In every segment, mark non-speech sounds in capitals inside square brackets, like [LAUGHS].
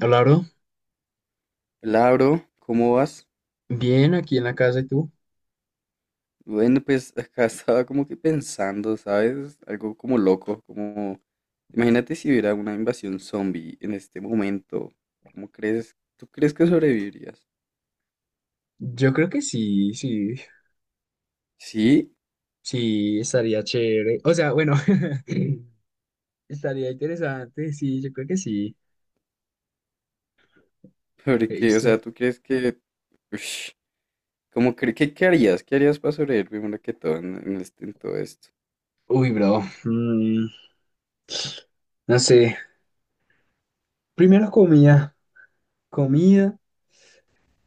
Claro, Labro, ¿cómo vas? bien, aquí en la casa y tú. Bueno, pues [LAUGHS] acá estaba como que pensando, ¿sabes? Algo como loco, como... Imagínate si hubiera una invasión zombie en este momento. ¿Cómo crees? ¿Tú crees que sobrevivirías? Yo creo que sí, sí, Sí, sí, estaría chévere. O sea, bueno, [LAUGHS] estaría interesante, sí, yo creo que sí. He porque, o sea, visto. ¿tú crees que... Ush, ¿cómo crees que qué harías? ¿Qué harías para sobrevivir primero que todo en este, en todo esto? Uy, bro, no sé. Primero comida, comida,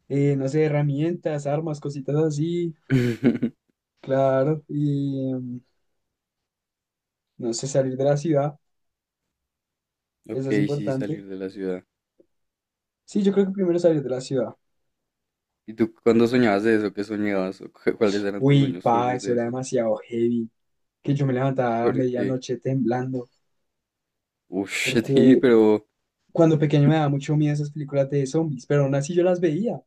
no sé, herramientas, armas, cositas así, [LAUGHS] claro. Y no sé, salir de la ciudad, Ok, eso es sí, importante. salir de la ciudad. Sí, yo creo que primero salir de la ciudad. ¿Y tú cuándo soñabas de eso? ¿Qué soñabas? ¿O cuáles eran tus Uy, sueños pa, turbios eso de era eso? demasiado heavy. Que yo me levantaba a Porque... medianoche temblando. uff, [LAUGHS] sí, Porque pero... cuando pequeño me daba mucho miedo esas películas de zombies, pero aún así yo las veía.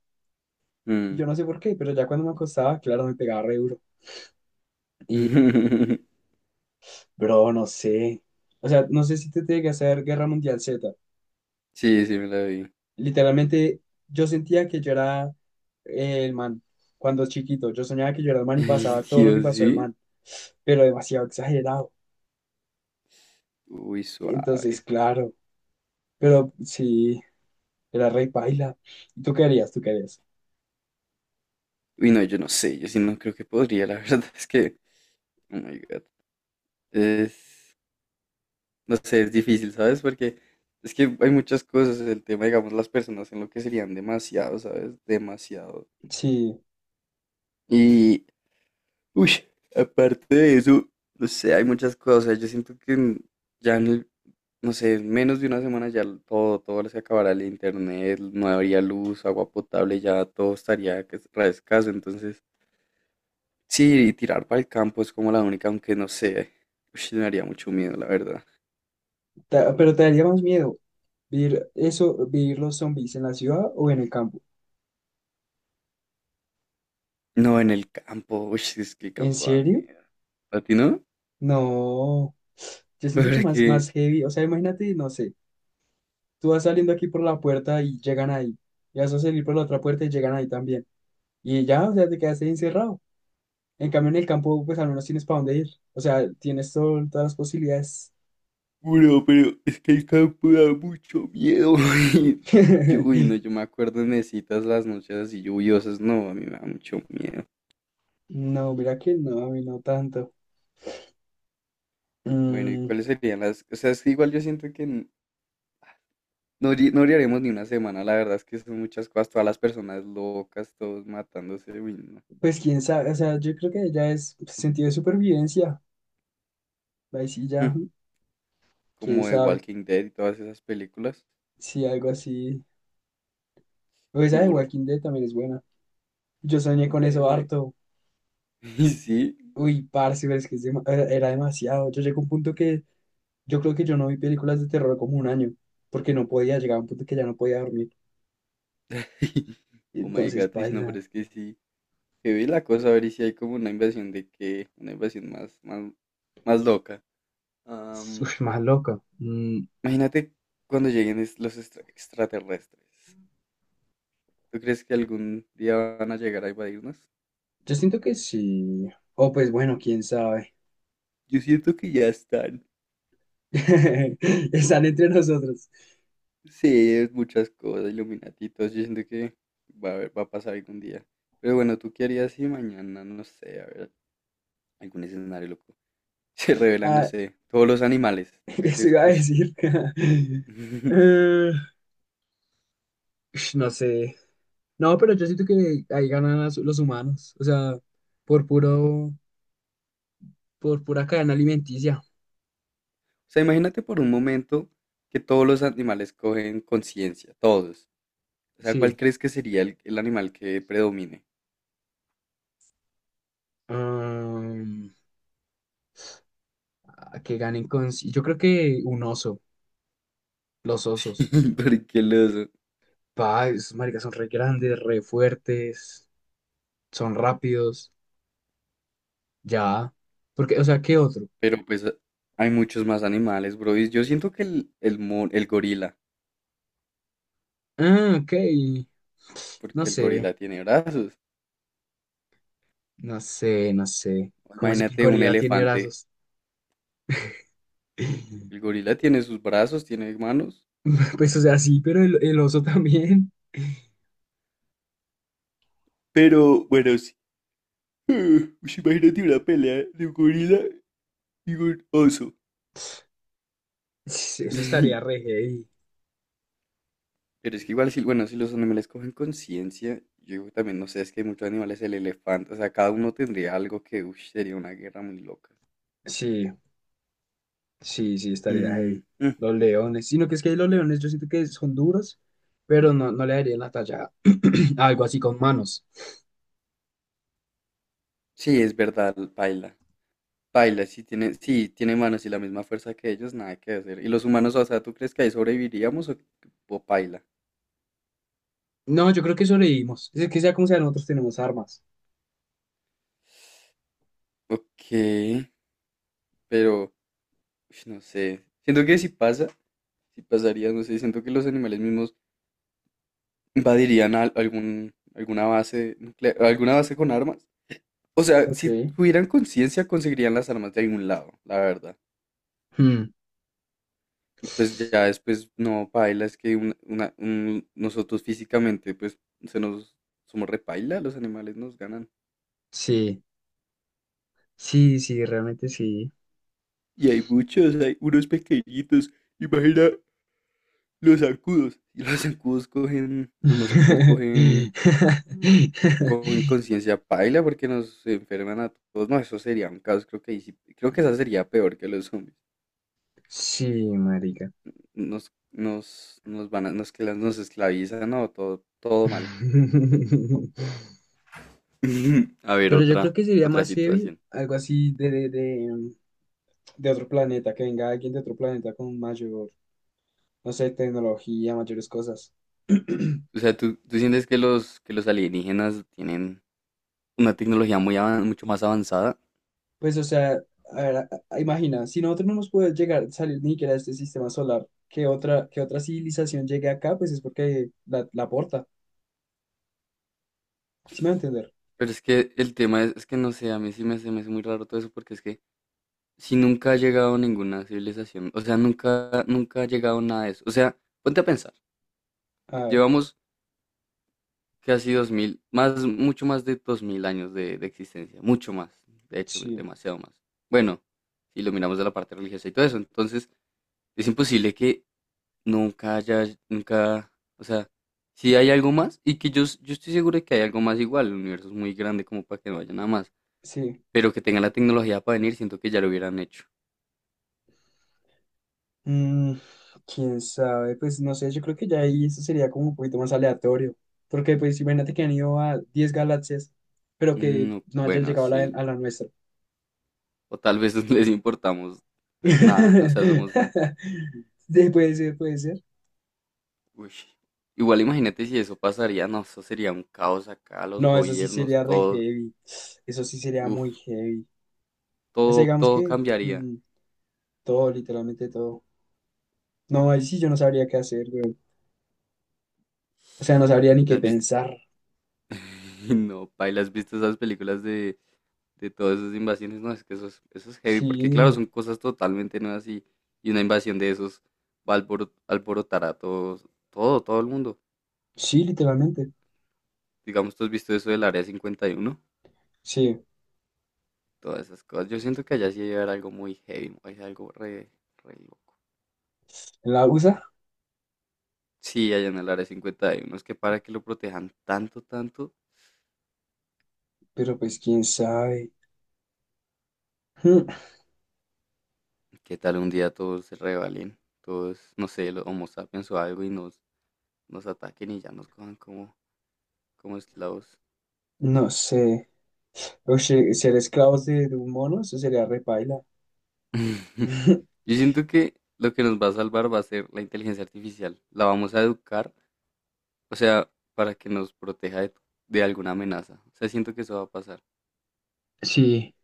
Yo Mm. no sé por qué, pero ya cuando me acostaba, claro, me pegaba re duro. Y, [LAUGHS] bro, no sé. O sea, no sé si te tiene que hacer Guerra Mundial Z. Sí, sí me la vi. Literalmente, yo sentía que yo era el man cuando chiquito. Yo soñaba que yo era el [LAUGHS] man y Ay, pasaba todo lo que Dios, pasó el sí. man, pero demasiado exagerado. Uy, Entonces, suave. claro, pero sí, era rey paila. ¿Y tú qué harías? ¿Tú qué harías? Uy, no, yo no sé, yo sí no creo que podría, la [LAUGHS] verdad es que, oh my God. Es, no sé, es difícil, ¿sabes? Porque es que hay muchas cosas, el tema, digamos, las personas en lo que serían demasiado, ¿sabes? Demasiado. Sí, Y, uy, aparte de eso, no sé, hay muchas cosas, yo siento que ya en el no sé, menos de una semana ya todo, todo se acabará el internet, no habría luz, agua potable, ya todo estaría que es re escaso. Entonces, sí, y tirar para el campo es como la única, aunque no sé, ush, me haría mucho miedo, la verdad. Pero te daría más miedo. Vivir eso, vivir los zombies en la ciudad o en el campo. No, en el campo, uy, es que el ¿En campo da serio? miedo. ¿A ti no? No. Yo [LAUGHS] siento que más, más Porque, heavy. O sea, imagínate, no sé, tú vas saliendo aquí por la puerta y llegan ahí. Y vas a salir por la otra puerta y llegan ahí también. Y ya, o sea, te quedaste ahí encerrado. En cambio, en el campo, pues al menos tienes para dónde ir. O sea, tienes todas las posibilidades. bueno, pero es que el campo da mucho miedo. [LAUGHS] Y yo, uy, no, [LAUGHS] yo me acuerdo en citas las noches así lluviosas, no, a mí me da mucho miedo. No, mira que no, a mí no tanto. Bueno, ¿y Mm, cuáles serían las? O sea, es que igual yo siento que no, no llegaremos ni una semana, la verdad es que son muchas cosas, todas las personas locas, todos matándose, uy, no. pues quién sabe, o sea, yo creo que ya es pues, sentido de supervivencia. Ahí sí ya, Mm, quién como de sabe. Walking Dead y todas esas películas, Sí, algo así. O esa de duro. Walking Dead también es buena. Yo soñé con Sí, eso sí. harto. [LAUGHS] Y sí, Uy, parce, pero es que es era demasiado. Yo llegué a un punto que yo creo que yo no vi películas de terror como un año, porque no podía llegar a un punto que ya no podía dormir. [LAUGHS] oh my Entonces, god, y no, pero paila. es que sí, que vi la cosa, a ver y si hay como una invasión de que, una invasión más, más, más loca. Am, Uy, más loca. Mm, imagínate cuando lleguen extraterrestres. ¿Tú crees que algún día van a llegar a invadirnos? yo siento que sí. O pues bueno, quién sabe. Yo siento que ya están. [LAUGHS] Están entre nosotros. Sí, es muchas cosas, iluminatitos, yo siento que va a pasar algún día. Pero bueno, ¿tú qué harías si mañana, no sé, a ver, algún escenario loco? [LAUGHS] Se revelan, no Ah, sé, todos los animales. ¿Tú [LAUGHS] qué eso crees iba a que...? Ush? decir. [LAUGHS] [LAUGHS] Eh, no sé. No, pero yo siento que ahí ganan los humanos, o sea, por puro, por pura cadena alimenticia. O sea, imagínate por un momento que todos los animales cogen conciencia, todos. O sea, ¿cuál Sí. crees que sería el animal que predomine? Am, a que ganen con... sí, yo creo que un oso, los osos. [LAUGHS] Porque los... Pa, esos maricas son re grandes, re fuertes, son rápidos, ya. Porque, o sea, ¿qué otro? Pero pues hay muchos más animales, bro. Y yo siento que el gorila, Ah, ok. No porque el sé, gorila tiene brazos. No sé. ¿Cómo así que el Imagínate un gorila tiene elefante. brazos? El [LAUGHS] gorila tiene sus brazos, tiene manos. Pues, o sea, sí, pero el oso también. [LAUGHS] Pero bueno, sí. [LAUGHS] Ush, imagínate una pelea de un gorila y un oso. Eso estaría [LAUGHS] re heavy. Pero es que igual, si, bueno, si los animales cogen conciencia, yo digo también, no sé, es que hay muchos animales, el elefante, o sea, cada uno tendría algo que, uff, sería una guerra muy loca. Sí, sí, estaría Mm, heavy. mm, Los leones. Sino que es que los leones yo siento que son duros, pero no, no le darían la talla [CLEARS THROAT] a algo así con manos. sí, es verdad, paila. Paila, sí, tiene manos y la misma fuerza que ellos, nada que hacer. ¿Y los humanos, o sea, tú crees que ahí sobreviviríamos o paila? No, yo creo que sobrevivimos. Es que sea como sea, nosotros tenemos armas. Ok. Pero, ush, no sé. Siento que si pasa, si pasaría, no sé, siento que los animales mismos invadirían algún, alguna base nuclear, alguna base con armas. O sea, Ok. si tuvieran conciencia, conseguirían las armas de algún lado, la verdad. Hmm, Y pues ya después, no, paila, es que nosotros físicamente, pues, se nos, somos repaila, los animales nos ganan. Sí, sí, realmente sí. Y hay muchos, hay unos pequeñitos. Imagina los zancudos. Y los zancudos cogen, los mosquitos cogen [LAUGHS] conciencia paila porque nos enferman a todos. No, eso sería un caos, creo que creo que esa sería peor que los zombies. Sí, marica. Nos, nos, nos van a, nos, que nos esclavizan, no, todo, todo mal. [LAUGHS] [LAUGHS] A ver, Pero yo creo otra, que sería otra más heavy, situación. algo así de otro planeta, que venga alguien de otro planeta con mayor, no sé, tecnología, mayores cosas. [CLEARS THROAT] O sea, ¿tú sientes que los alienígenas tienen una tecnología muy mucho más avanzada? Pues, o sea, a ver, imagina, si nosotros no nos podemos llegar, salir ni siquiera de este sistema solar, que otra civilización llegue acá, pues es porque la aporta. ¿Sí me va a entender? Pero es que el tema es que no sé, a mí sí me, se me hace muy raro todo eso porque es que si nunca ha llegado ninguna civilización, o sea, nunca, nunca ha llegado nada de eso. O sea, ponte a pensar, A ver, llevamos casi 2.000, más, mucho más de 2.000 años de existencia, mucho más, de hecho, sí, demasiado más. Bueno, si lo miramos de la parte religiosa y todo eso, entonces es imposible que nunca haya, nunca, o sea, si hay algo más, y que yo estoy seguro de que hay algo más igual, el universo es muy grande como para que no haya nada más, sí. pero que tengan la tecnología para venir, siento que ya lo hubieran hecho. Mm, quién sabe, pues no sé, yo creo que ya ahí eso sería como un poquito más aleatorio, porque pues imagínate que han ido a 10 galaxias, pero que Mm, no, no hayan bueno, llegado a sí, a la nuestra. o tal vez [LAUGHS] no les importamos nada, o sea, somos, [LAUGHS] Sí, puede ser, puede ser. uy, igual imagínate si eso pasaría, no, eso sería un caos acá, los No, eso sí gobiernos, sería re todo, heavy, eso sí sería muy uff, heavy. O sea, todo, digamos todo que cambiaría. Todo, literalmente todo. No, ahí sí yo no sabría qué hacer, güey. O sea, no sabría ni qué ¿Las vis- pensar. [LAUGHS] No, paila, ¿has visto esas películas de todas esas invasiones? No, es que eso es heavy, porque claro, Sí, son cosas totalmente nuevas y una invasión de esos va a alborotar a todos, todo, todo el mundo. sí, literalmente. Digamos, ¿tú has visto eso del Área 51? Sí, Todas esas cosas. Yo siento que allá sí debe haber algo muy heavy, hay algo re, re loco. en la USA, Sí, allá en el área 50 hay unos que para que lo protejan tanto, tanto, pero pues quién sabe. Hmm, que tal un día todos se rebelen, todos, no sé, los Homo sapiens o algo y nos, nos ataquen y ya nos cojan como, como esclavos. no sé. Ser esclavos de un mono, eso sería repaila. [LAUGHS] [LAUGHS] Yo siento que lo que nos va a salvar va a ser la inteligencia artificial. La vamos a educar, o sea, para que nos proteja de alguna amenaza. O sea, siento que eso va a pasar. Sí,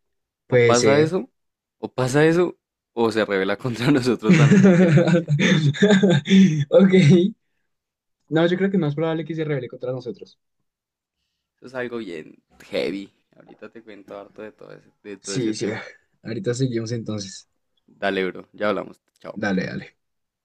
O puede pasa ser. eso, o pasa eso, o se revela contra [LAUGHS] nosotros la misma inteligencia. [LAUGHS] Ok. No, yo creo que es más probable que se revele contra nosotros. Eso es algo bien heavy. Ahorita te cuento harto de todo ese Sí, sí. tema. Ahorita seguimos entonces. Dale, bro. Ya hablamos. Chao. Dale, dale.